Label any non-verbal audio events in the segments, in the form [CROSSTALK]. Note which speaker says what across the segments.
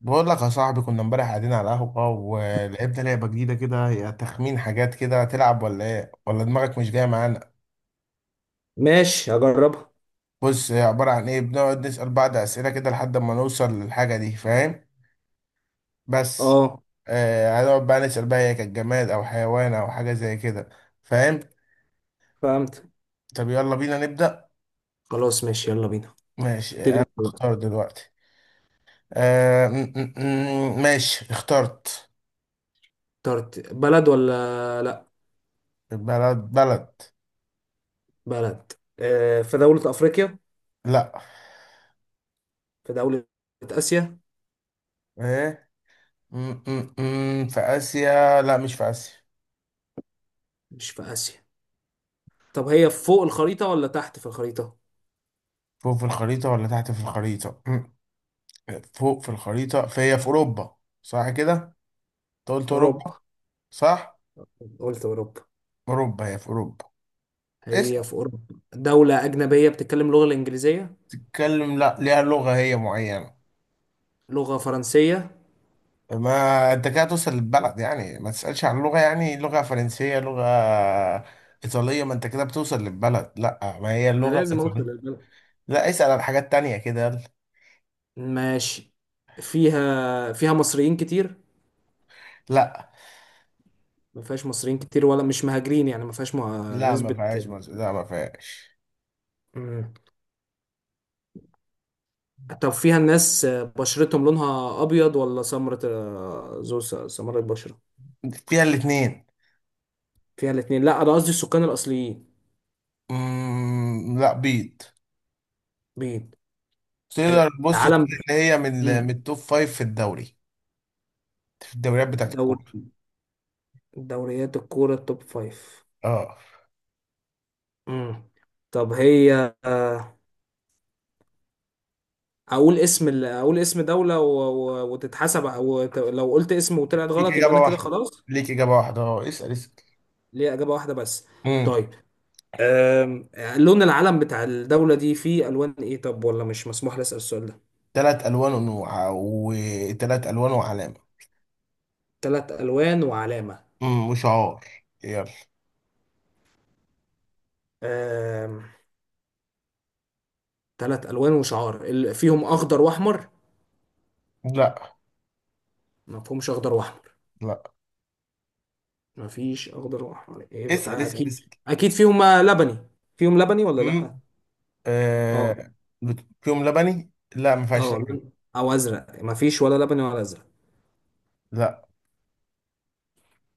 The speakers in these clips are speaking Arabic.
Speaker 1: بقول لك يا صاحبي، كنا امبارح قاعدين على القهوة ولعبنا لعبة جديدة كده، هي تخمين حاجات كده. تلعب ولا ايه؟ ولا دماغك مش جاية معانا؟
Speaker 2: ماشي هجربها.
Speaker 1: بص، هي عبارة عن ايه؟ بنقعد نسأل بعض أسئلة كده لحد ما نوصل للحاجة دي، فاهم؟ بس.
Speaker 2: اه،
Speaker 1: آه، هنقعد بقى نسأل بقى هي كانت جماد أو حيوان أو حاجة زي كده، فاهم؟
Speaker 2: فهمت.
Speaker 1: طب يلا بينا نبدأ.
Speaker 2: خلاص ماشي يلا بينا.
Speaker 1: ماشي،
Speaker 2: ابتدي
Speaker 1: أنا
Speaker 2: انت بقى.
Speaker 1: اختار دلوقتي. ماشي اخترت.
Speaker 2: اخترت بلد ولا لا؟
Speaker 1: بلد بلد.
Speaker 2: بلد. آه، في دولة أفريقيا؟
Speaker 1: لا.
Speaker 2: في دولة آسيا؟
Speaker 1: ايه. في آسيا؟ لا، مش في آسيا.
Speaker 2: مش في آسيا. طب هي فوق الخريطة ولا تحت في الخريطة؟
Speaker 1: فوق في الخريطة ولا تحت في الخريطة؟ فوق في الخريطة، فهي في أوروبا. صح كده؟ أنت قلت
Speaker 2: أوروبا.
Speaker 1: أوروبا. صح؟
Speaker 2: قلت أوروبا.
Speaker 1: أوروبا، هي في أوروبا.
Speaker 2: هي
Speaker 1: اسأل.
Speaker 2: في أوروبا. دولة أجنبية بتتكلم لغة الإنجليزية؟
Speaker 1: تتكلم؟ لا، ليها لغة هي معينة.
Speaker 2: لغة فرنسية؟
Speaker 1: ما أنت كده توصل للبلد يعني، ما تسألش عن لغة، يعني لغة فرنسية لغة إيطالية ما أنت كده بتوصل للبلد. لا، ما هي
Speaker 2: أنا
Speaker 1: اللغة
Speaker 2: لازم أوصل
Speaker 1: الإيطالية.
Speaker 2: للبلد.
Speaker 1: لا، اسأل عن حاجات تانية كده، يلا.
Speaker 2: ماشي. فيها مصريين كتير؟
Speaker 1: لا.
Speaker 2: ما فيهاش مصريين كتير ولا مش مهاجرين يعني؟ ما فيهاش مه...
Speaker 1: لا، ما
Speaker 2: نسبة.
Speaker 1: فيهاش، لا، ما فيهاش.
Speaker 2: مم. طب فيها الناس بشرتهم لونها ابيض ولا سمرة؟ آه، ذو سمرة بشرة.
Speaker 1: فيها الاتنين.
Speaker 2: فيها الاثنين؟ لا انا قصدي السكان الاصليين.
Speaker 1: لا، بيض.
Speaker 2: بيض
Speaker 1: تقدر بص
Speaker 2: العالم
Speaker 1: تقول
Speaker 2: ده.
Speaker 1: ان هي من من
Speaker 2: امم
Speaker 1: التوب فايف في الدوري، في الدوريات بتاعت الكورة.
Speaker 2: الدوري، دوريات الكورة التوب فايف.
Speaker 1: اه.
Speaker 2: امم. طب هي اقول اقول اسم دولة وتتحسب او لو قلت اسم وطلعت
Speaker 1: ليك
Speaker 2: غلط يبقى
Speaker 1: اجابة
Speaker 2: انا كده
Speaker 1: واحدة.
Speaker 2: خلاص؟
Speaker 1: ليك اجابة واحدة، اه، اسأل اسأل.
Speaker 2: ليه اجابة واحدة بس؟
Speaker 1: امم.
Speaker 2: طيب. أم... لون العلم بتاع الدولة دي فيه الوان ايه؟ طب ولا مش مسموح لي اسال السؤال ده؟
Speaker 1: ثلاث الوان ونوع وثلاث الوان وعلامة.
Speaker 2: ثلاث الوان وعلامة.
Speaker 1: وشعار. يلا.
Speaker 2: ثلاث الوان وشعار فيهم اخضر واحمر؟
Speaker 1: لا.
Speaker 2: ما فيهمش اخضر واحمر؟
Speaker 1: لا،
Speaker 2: ما فيش اخضر واحمر
Speaker 1: اسأل
Speaker 2: يبقى
Speaker 1: اسأل
Speaker 2: اكيد.
Speaker 1: اسأل.
Speaker 2: اكيد فيهم لبني. فيهم لبني ولا لا؟
Speaker 1: امم.
Speaker 2: اه.
Speaker 1: آه... فيهم لبني. لا، ما فيهاش
Speaker 2: اه
Speaker 1: لبن.
Speaker 2: او ازرق ما فيش ولا لبني ولا ازرق؟
Speaker 1: لا.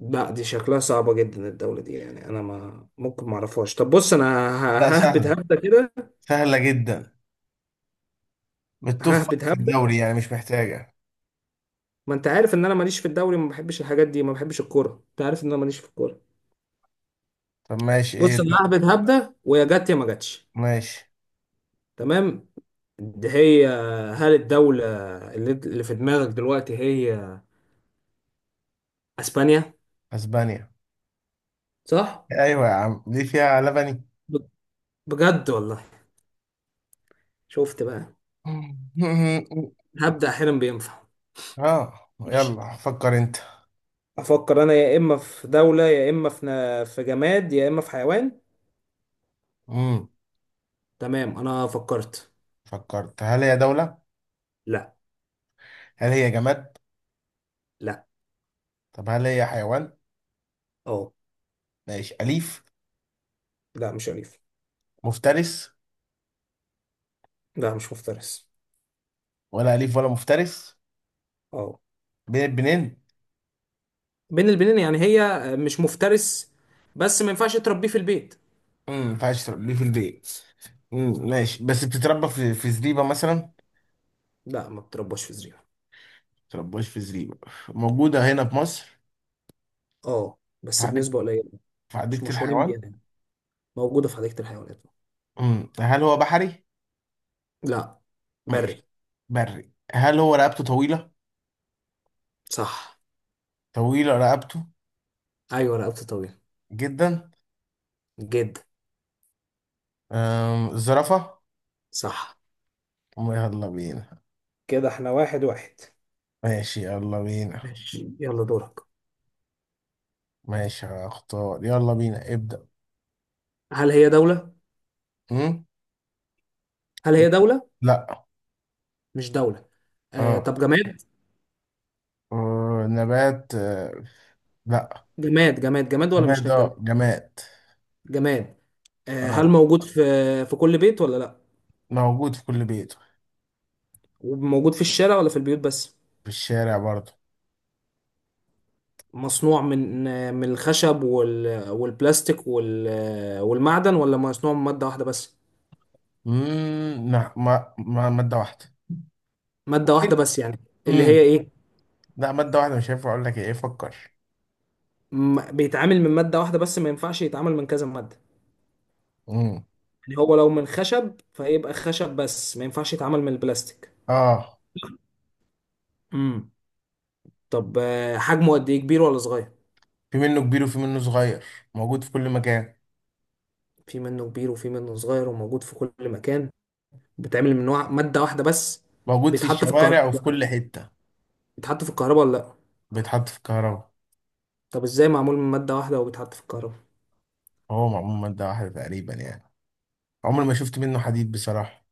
Speaker 2: لا، دي شكلها صعبة جدا الدولة دي، يعني انا ما ممكن ما اعرفهاش. طب بص انا
Speaker 1: لا،
Speaker 2: ههبد
Speaker 1: سهلة.
Speaker 2: هبدة كده.
Speaker 1: سهلة جدا. من التوب فايف
Speaker 2: ههبد
Speaker 1: في
Speaker 2: هبدة.
Speaker 1: الدوري يعني، مش محتاجة.
Speaker 2: ما انت عارف ان انا ماليش في الدوري، ما بحبش الحاجات دي، ما بحبش الكورة، انت عارف ان انا ماليش في الكورة.
Speaker 1: طب ماشي، ايه
Speaker 2: بص انا
Speaker 1: ده.
Speaker 2: ههبد هبدة ويا جت يا ما جاتش.
Speaker 1: ماشي.
Speaker 2: تمام، دي هي. هل الدولة اللي في دماغك دلوقتي هي اسبانيا؟
Speaker 1: اسبانيا.
Speaker 2: صح؟
Speaker 1: ايوه يا عم، دي فيها لبني.
Speaker 2: ب- بجد والله؟ شفت بقى،
Speaker 1: [LAUGHS]
Speaker 2: هبدأ احيانا بينفع.
Speaker 1: اه،
Speaker 2: ماشي.
Speaker 1: يلا فكر انت.
Speaker 2: افكر انا يا اما في دولة يا اما في في جماد يا اما في حيوان.
Speaker 1: امم.
Speaker 2: تمام انا فكرت.
Speaker 1: فكرت. هل هي دولة؟
Speaker 2: لا.
Speaker 1: هل هي جماد؟
Speaker 2: لا.
Speaker 1: طب هل هي حيوان؟
Speaker 2: اه.
Speaker 1: ماشي، أليف؟
Speaker 2: لا مش اليف.
Speaker 1: مفترس؟
Speaker 2: لا مش مفترس.
Speaker 1: ولا أليف ولا مفترس؟
Speaker 2: اه،
Speaker 1: بين البنين.
Speaker 2: بين البنين. يعني هي مش مفترس بس ما ينفعش تربيه في البيت.
Speaker 1: ما ينفعش تربيه في البيت. ماشي، بس بتتربى في زريبة مثلا ما.
Speaker 2: لا ما بتربوش في زريبة.
Speaker 1: تربوش في زريبة. موجودة هنا في مصر.
Speaker 2: اه
Speaker 1: في
Speaker 2: بس
Speaker 1: حديقة.
Speaker 2: بنسبة قليلة.
Speaker 1: في
Speaker 2: مش
Speaker 1: حديقة
Speaker 2: مشهورين
Speaker 1: الحيوان.
Speaker 2: بيها. موجودة في حديقة الحيوانات.
Speaker 1: هل هو بحري؟
Speaker 2: لا،
Speaker 1: ماشي.
Speaker 2: بري.
Speaker 1: بري. هل هو رقبته طويلة؟
Speaker 2: صح.
Speaker 1: طويلة رقبته.
Speaker 2: أيوة رقبته طويلة.
Speaker 1: جدا.
Speaker 2: جدا.
Speaker 1: الزرافة.
Speaker 2: صح.
Speaker 1: يلا بينا.
Speaker 2: كده احنا واحد واحد.
Speaker 1: ماشي يلا بينا.
Speaker 2: ماشي يلا دورك.
Speaker 1: ماشي هختار، يلا بينا ابدأ.
Speaker 2: هل هي دولة؟
Speaker 1: أم؟
Speaker 2: هل هي دولة؟
Speaker 1: لا.
Speaker 2: مش دولة. آه
Speaker 1: اه.
Speaker 2: طب جماد؟
Speaker 1: نبات. لا.
Speaker 2: جماد جماد ولا مش
Speaker 1: جماد، اه
Speaker 2: جماد؟
Speaker 1: جماد.
Speaker 2: جماد. آه هل
Speaker 1: اه،
Speaker 2: موجود في في كل بيت ولا لأ؟
Speaker 1: موجود في كل بيت.
Speaker 2: وموجود في الشارع ولا في البيوت بس؟
Speaker 1: في الشارع برضه.
Speaker 2: مصنوع من آه، من الخشب والبلاستيك آه، والمعدن، ولا مصنوع من مادة واحدة بس؟
Speaker 1: لا، ما مادة واحدة.
Speaker 2: مادة واحدة
Speaker 1: ممكن.
Speaker 2: بس يعني؟ اللي هي
Speaker 1: امم
Speaker 2: إيه؟
Speaker 1: لا، مادة واحدة مش هينفع اقول لك ايه، فكر.
Speaker 2: بيتعامل من مادة واحدة بس ما ينفعش يتعامل من كذا مادة؟
Speaker 1: امم.
Speaker 2: يعني هو لو من خشب فيبقى خشب بس ما ينفعش يتعامل من البلاستيك.
Speaker 1: اه.
Speaker 2: امم. طب آه، حجمه قد ايه، كبير ولا صغير؟
Speaker 1: في منه كبير وفي منه صغير، موجود في كل مكان،
Speaker 2: في منه كبير وفي منه صغير وموجود في كل مكان. بيتعمل من نوع مادة واحدة بس.
Speaker 1: موجود في
Speaker 2: بيتحط في
Speaker 1: الشوارع
Speaker 2: الكهرباء
Speaker 1: وفي
Speaker 2: ولا لا؟
Speaker 1: كل حتة.
Speaker 2: بيتحط في الكهرباء ولا لا؟
Speaker 1: بيتحط في الكهرباء.
Speaker 2: طب ازاي معمول من مادة واحدة وبيتحط في الكهرباء؟
Speaker 1: هو معمول من مادة واحدة تقريبا يعني، عمري ما شفت منه حديد بصراحة.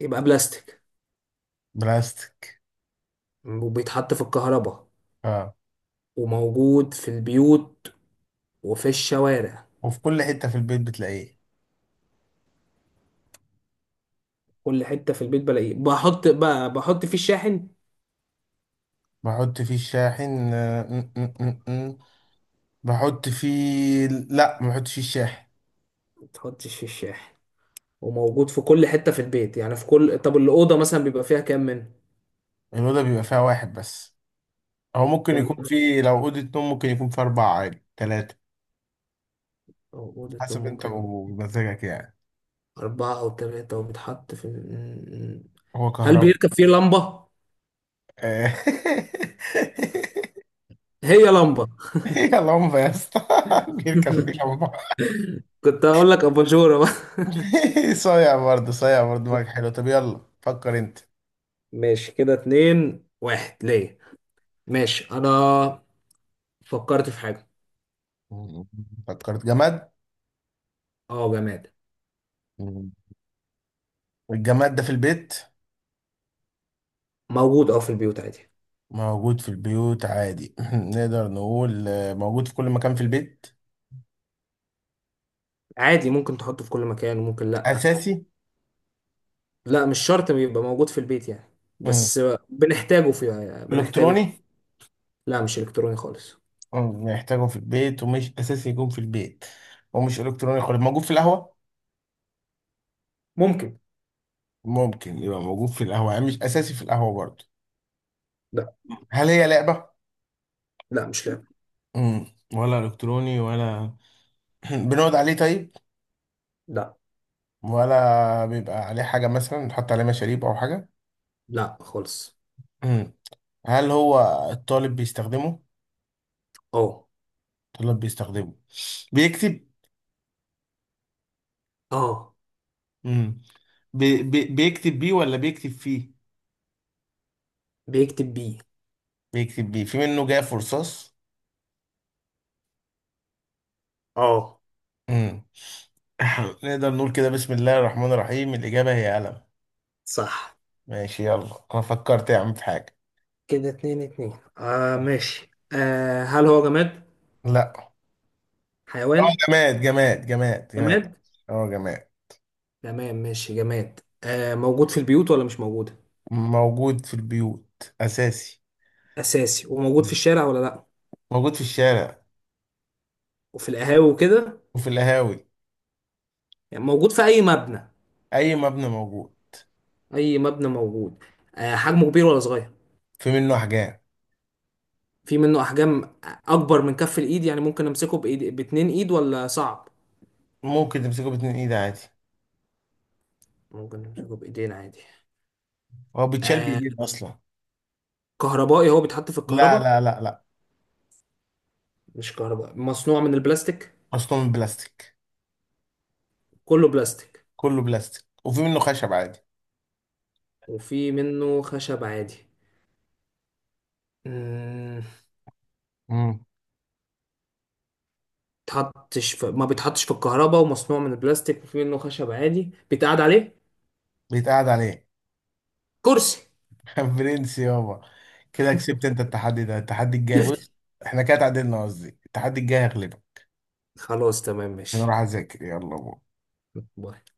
Speaker 2: يبقى بلاستيك،
Speaker 1: بلاستيك.
Speaker 2: وبيتحط في الكهرباء،
Speaker 1: اه.
Speaker 2: وموجود في البيوت وفي الشوارع.
Speaker 1: وفي كل حتة في البيت بتلاقيه.
Speaker 2: كل حتة في البيت بلاقيه. بحط بقى، بحط فيه الشاحن؟
Speaker 1: بحط فيه الشاحن. آه، م- م- م- م. بحط فيه لا، ما بحطش فيه الشاحن.
Speaker 2: تحطش في الشاحن. وموجود في كل حتة في البيت يعني في كل، طب الأوضة مثلا بيبقى فيها كام من
Speaker 1: الأوضة بيبقى فيها واحد بس. هو ممكن
Speaker 2: كل
Speaker 1: يكون فيه، لو أوضة نوم ممكن يكون فيه أربعة عادي، تلاتة.
Speaker 2: أوضة كان
Speaker 1: حسب أنت
Speaker 2: ممكن؟
Speaker 1: ومزاجك يعني.
Speaker 2: أربعة أو ثلاثة. وبيتحط في
Speaker 1: هو
Speaker 2: هل
Speaker 1: كهرباء.
Speaker 2: بيركب فيه لمبة؟
Speaker 1: آه. [LAUGHS]
Speaker 2: هي لمبة.
Speaker 1: يلا هم يا اسطى. [LAUGHS] بيركب فيه.
Speaker 2: [LAUGHS] كنت هقول لك أباجورة بقى.
Speaker 1: [LAUGHS] صايع برضه صايع برضه، دماغك حلو. طب يلا فكر انت.
Speaker 2: ماشي كده اتنين واحد ليه. ماشي. أنا فكرت في حاجة.
Speaker 1: فكرت. جماد.
Speaker 2: اه جماد.
Speaker 1: الجماد ده في البيت؟
Speaker 2: موجود اه في البيوت عادي.
Speaker 1: موجود في البيوت عادي. [LAUGHS] [CLEARS THROAT] نقدر نقول موجود في كل مكان في البيت؟
Speaker 2: عادي، ممكن تحطه في كل مكان وممكن لأ.
Speaker 1: أساسي؟
Speaker 2: لا مش شرط يبقى موجود في البيت يعني.
Speaker 1: مم.
Speaker 2: بس. بنحتاجه في بنحتاجه.
Speaker 1: إلكتروني؟
Speaker 2: لا مش الكتروني خالص.
Speaker 1: نحتاجه في البيت ومش أساسي يكون في البيت ومش إلكتروني خالص. موجود في القهوة؟
Speaker 2: ممكن.
Speaker 1: ممكن يبقى موجود في القهوة يعني، مش أساسي في القهوة برضه.
Speaker 2: لا
Speaker 1: هل هي لعبة؟
Speaker 2: لا مش لعب.
Speaker 1: مم. ولا إلكتروني ولا؟ [LAUGHS] [CLEARS THROAT] بنقعد عليه طيب؟
Speaker 2: لا
Speaker 1: ولا بيبقى عليه حاجة مثلا نحط عليه مشاريب أو حاجة؟
Speaker 2: لا خالص.
Speaker 1: امم. هل هو الطالب بيستخدمه؟
Speaker 2: اه.
Speaker 1: الطالب بيستخدمه، بيكتب.
Speaker 2: اه
Speaker 1: مم. بي بي بيكتب بيه ولا بيكتب فيه؟
Speaker 2: بيكتب بيه.
Speaker 1: بيكتب بيه. في منه جاف ورصاص.
Speaker 2: اه.
Speaker 1: امم. [COUGHS] [LAUGHS] نقدر نقول كده، بسم الله الرحمن الرحيم، الإجابة هي قلم.
Speaker 2: صح.
Speaker 1: ماشي. يلا، أنا فكرت يا عم في حاجة.
Speaker 2: كده اتنين اتنين. اه ماشي. آه هل هو جماد،
Speaker 1: لا. اه،
Speaker 2: حيوان؟
Speaker 1: جماد جماد جماد جماد.
Speaker 2: جماد.
Speaker 1: اه، جماد.
Speaker 2: تمام ماشي جماد. آه، موجود في البيوت ولا مش موجود؟
Speaker 1: موجود في البيوت أساسي.
Speaker 2: اساسي. وموجود في
Speaker 1: مم.
Speaker 2: الشارع ولا لا؟
Speaker 1: موجود في الشارع
Speaker 2: وفي القهاوي وكده؟
Speaker 1: وفي القهاوي.
Speaker 2: يعني موجود في اي مبنى؟
Speaker 1: اي مبنى موجود.
Speaker 2: اي مبنى موجود. آه حجمه كبير ولا صغير؟
Speaker 1: في منه احجام.
Speaker 2: في منه احجام. اكبر من كف الايد يعني ممكن امسكه بايد باتنين ايد ولا صعب؟
Speaker 1: ممكن تمسكه باتنين ايد عادي.
Speaker 2: ممكن نمسكه بايدينا عادي.
Speaker 1: هو بيتشال
Speaker 2: آه
Speaker 1: بايدين اصلا.
Speaker 2: كهربائي، هو بيتحط في
Speaker 1: لا
Speaker 2: الكهرباء؟
Speaker 1: لا لا لا.
Speaker 2: مش كهرباء، مصنوع من البلاستيك؟
Speaker 1: اصلا من بلاستيك.
Speaker 2: كله بلاستيك
Speaker 1: كله بلاستيك وفي منه خشب عادي.
Speaker 2: وفي منه خشب عادي. مم.
Speaker 1: امم.
Speaker 2: ما بيتحطش في الكهرباء ومصنوع من البلاستيك وفي منه خشب عادي، بيتقعد عليه.
Speaker 1: بيتقعد عليه.
Speaker 2: كرسي.
Speaker 1: [LAUGHS] برنس يابا. كده كسبت انت التحدي ده، التحدي الجاي بص،
Speaker 2: [LAUGHS]
Speaker 1: احنا كده اتعادلنا، قصدي التحدي الجاي هغلبك.
Speaker 2: خلاص تمام
Speaker 1: عشان
Speaker 2: ماشي.
Speaker 1: اروح اذاكر، يلا بو.
Speaker 2: باي.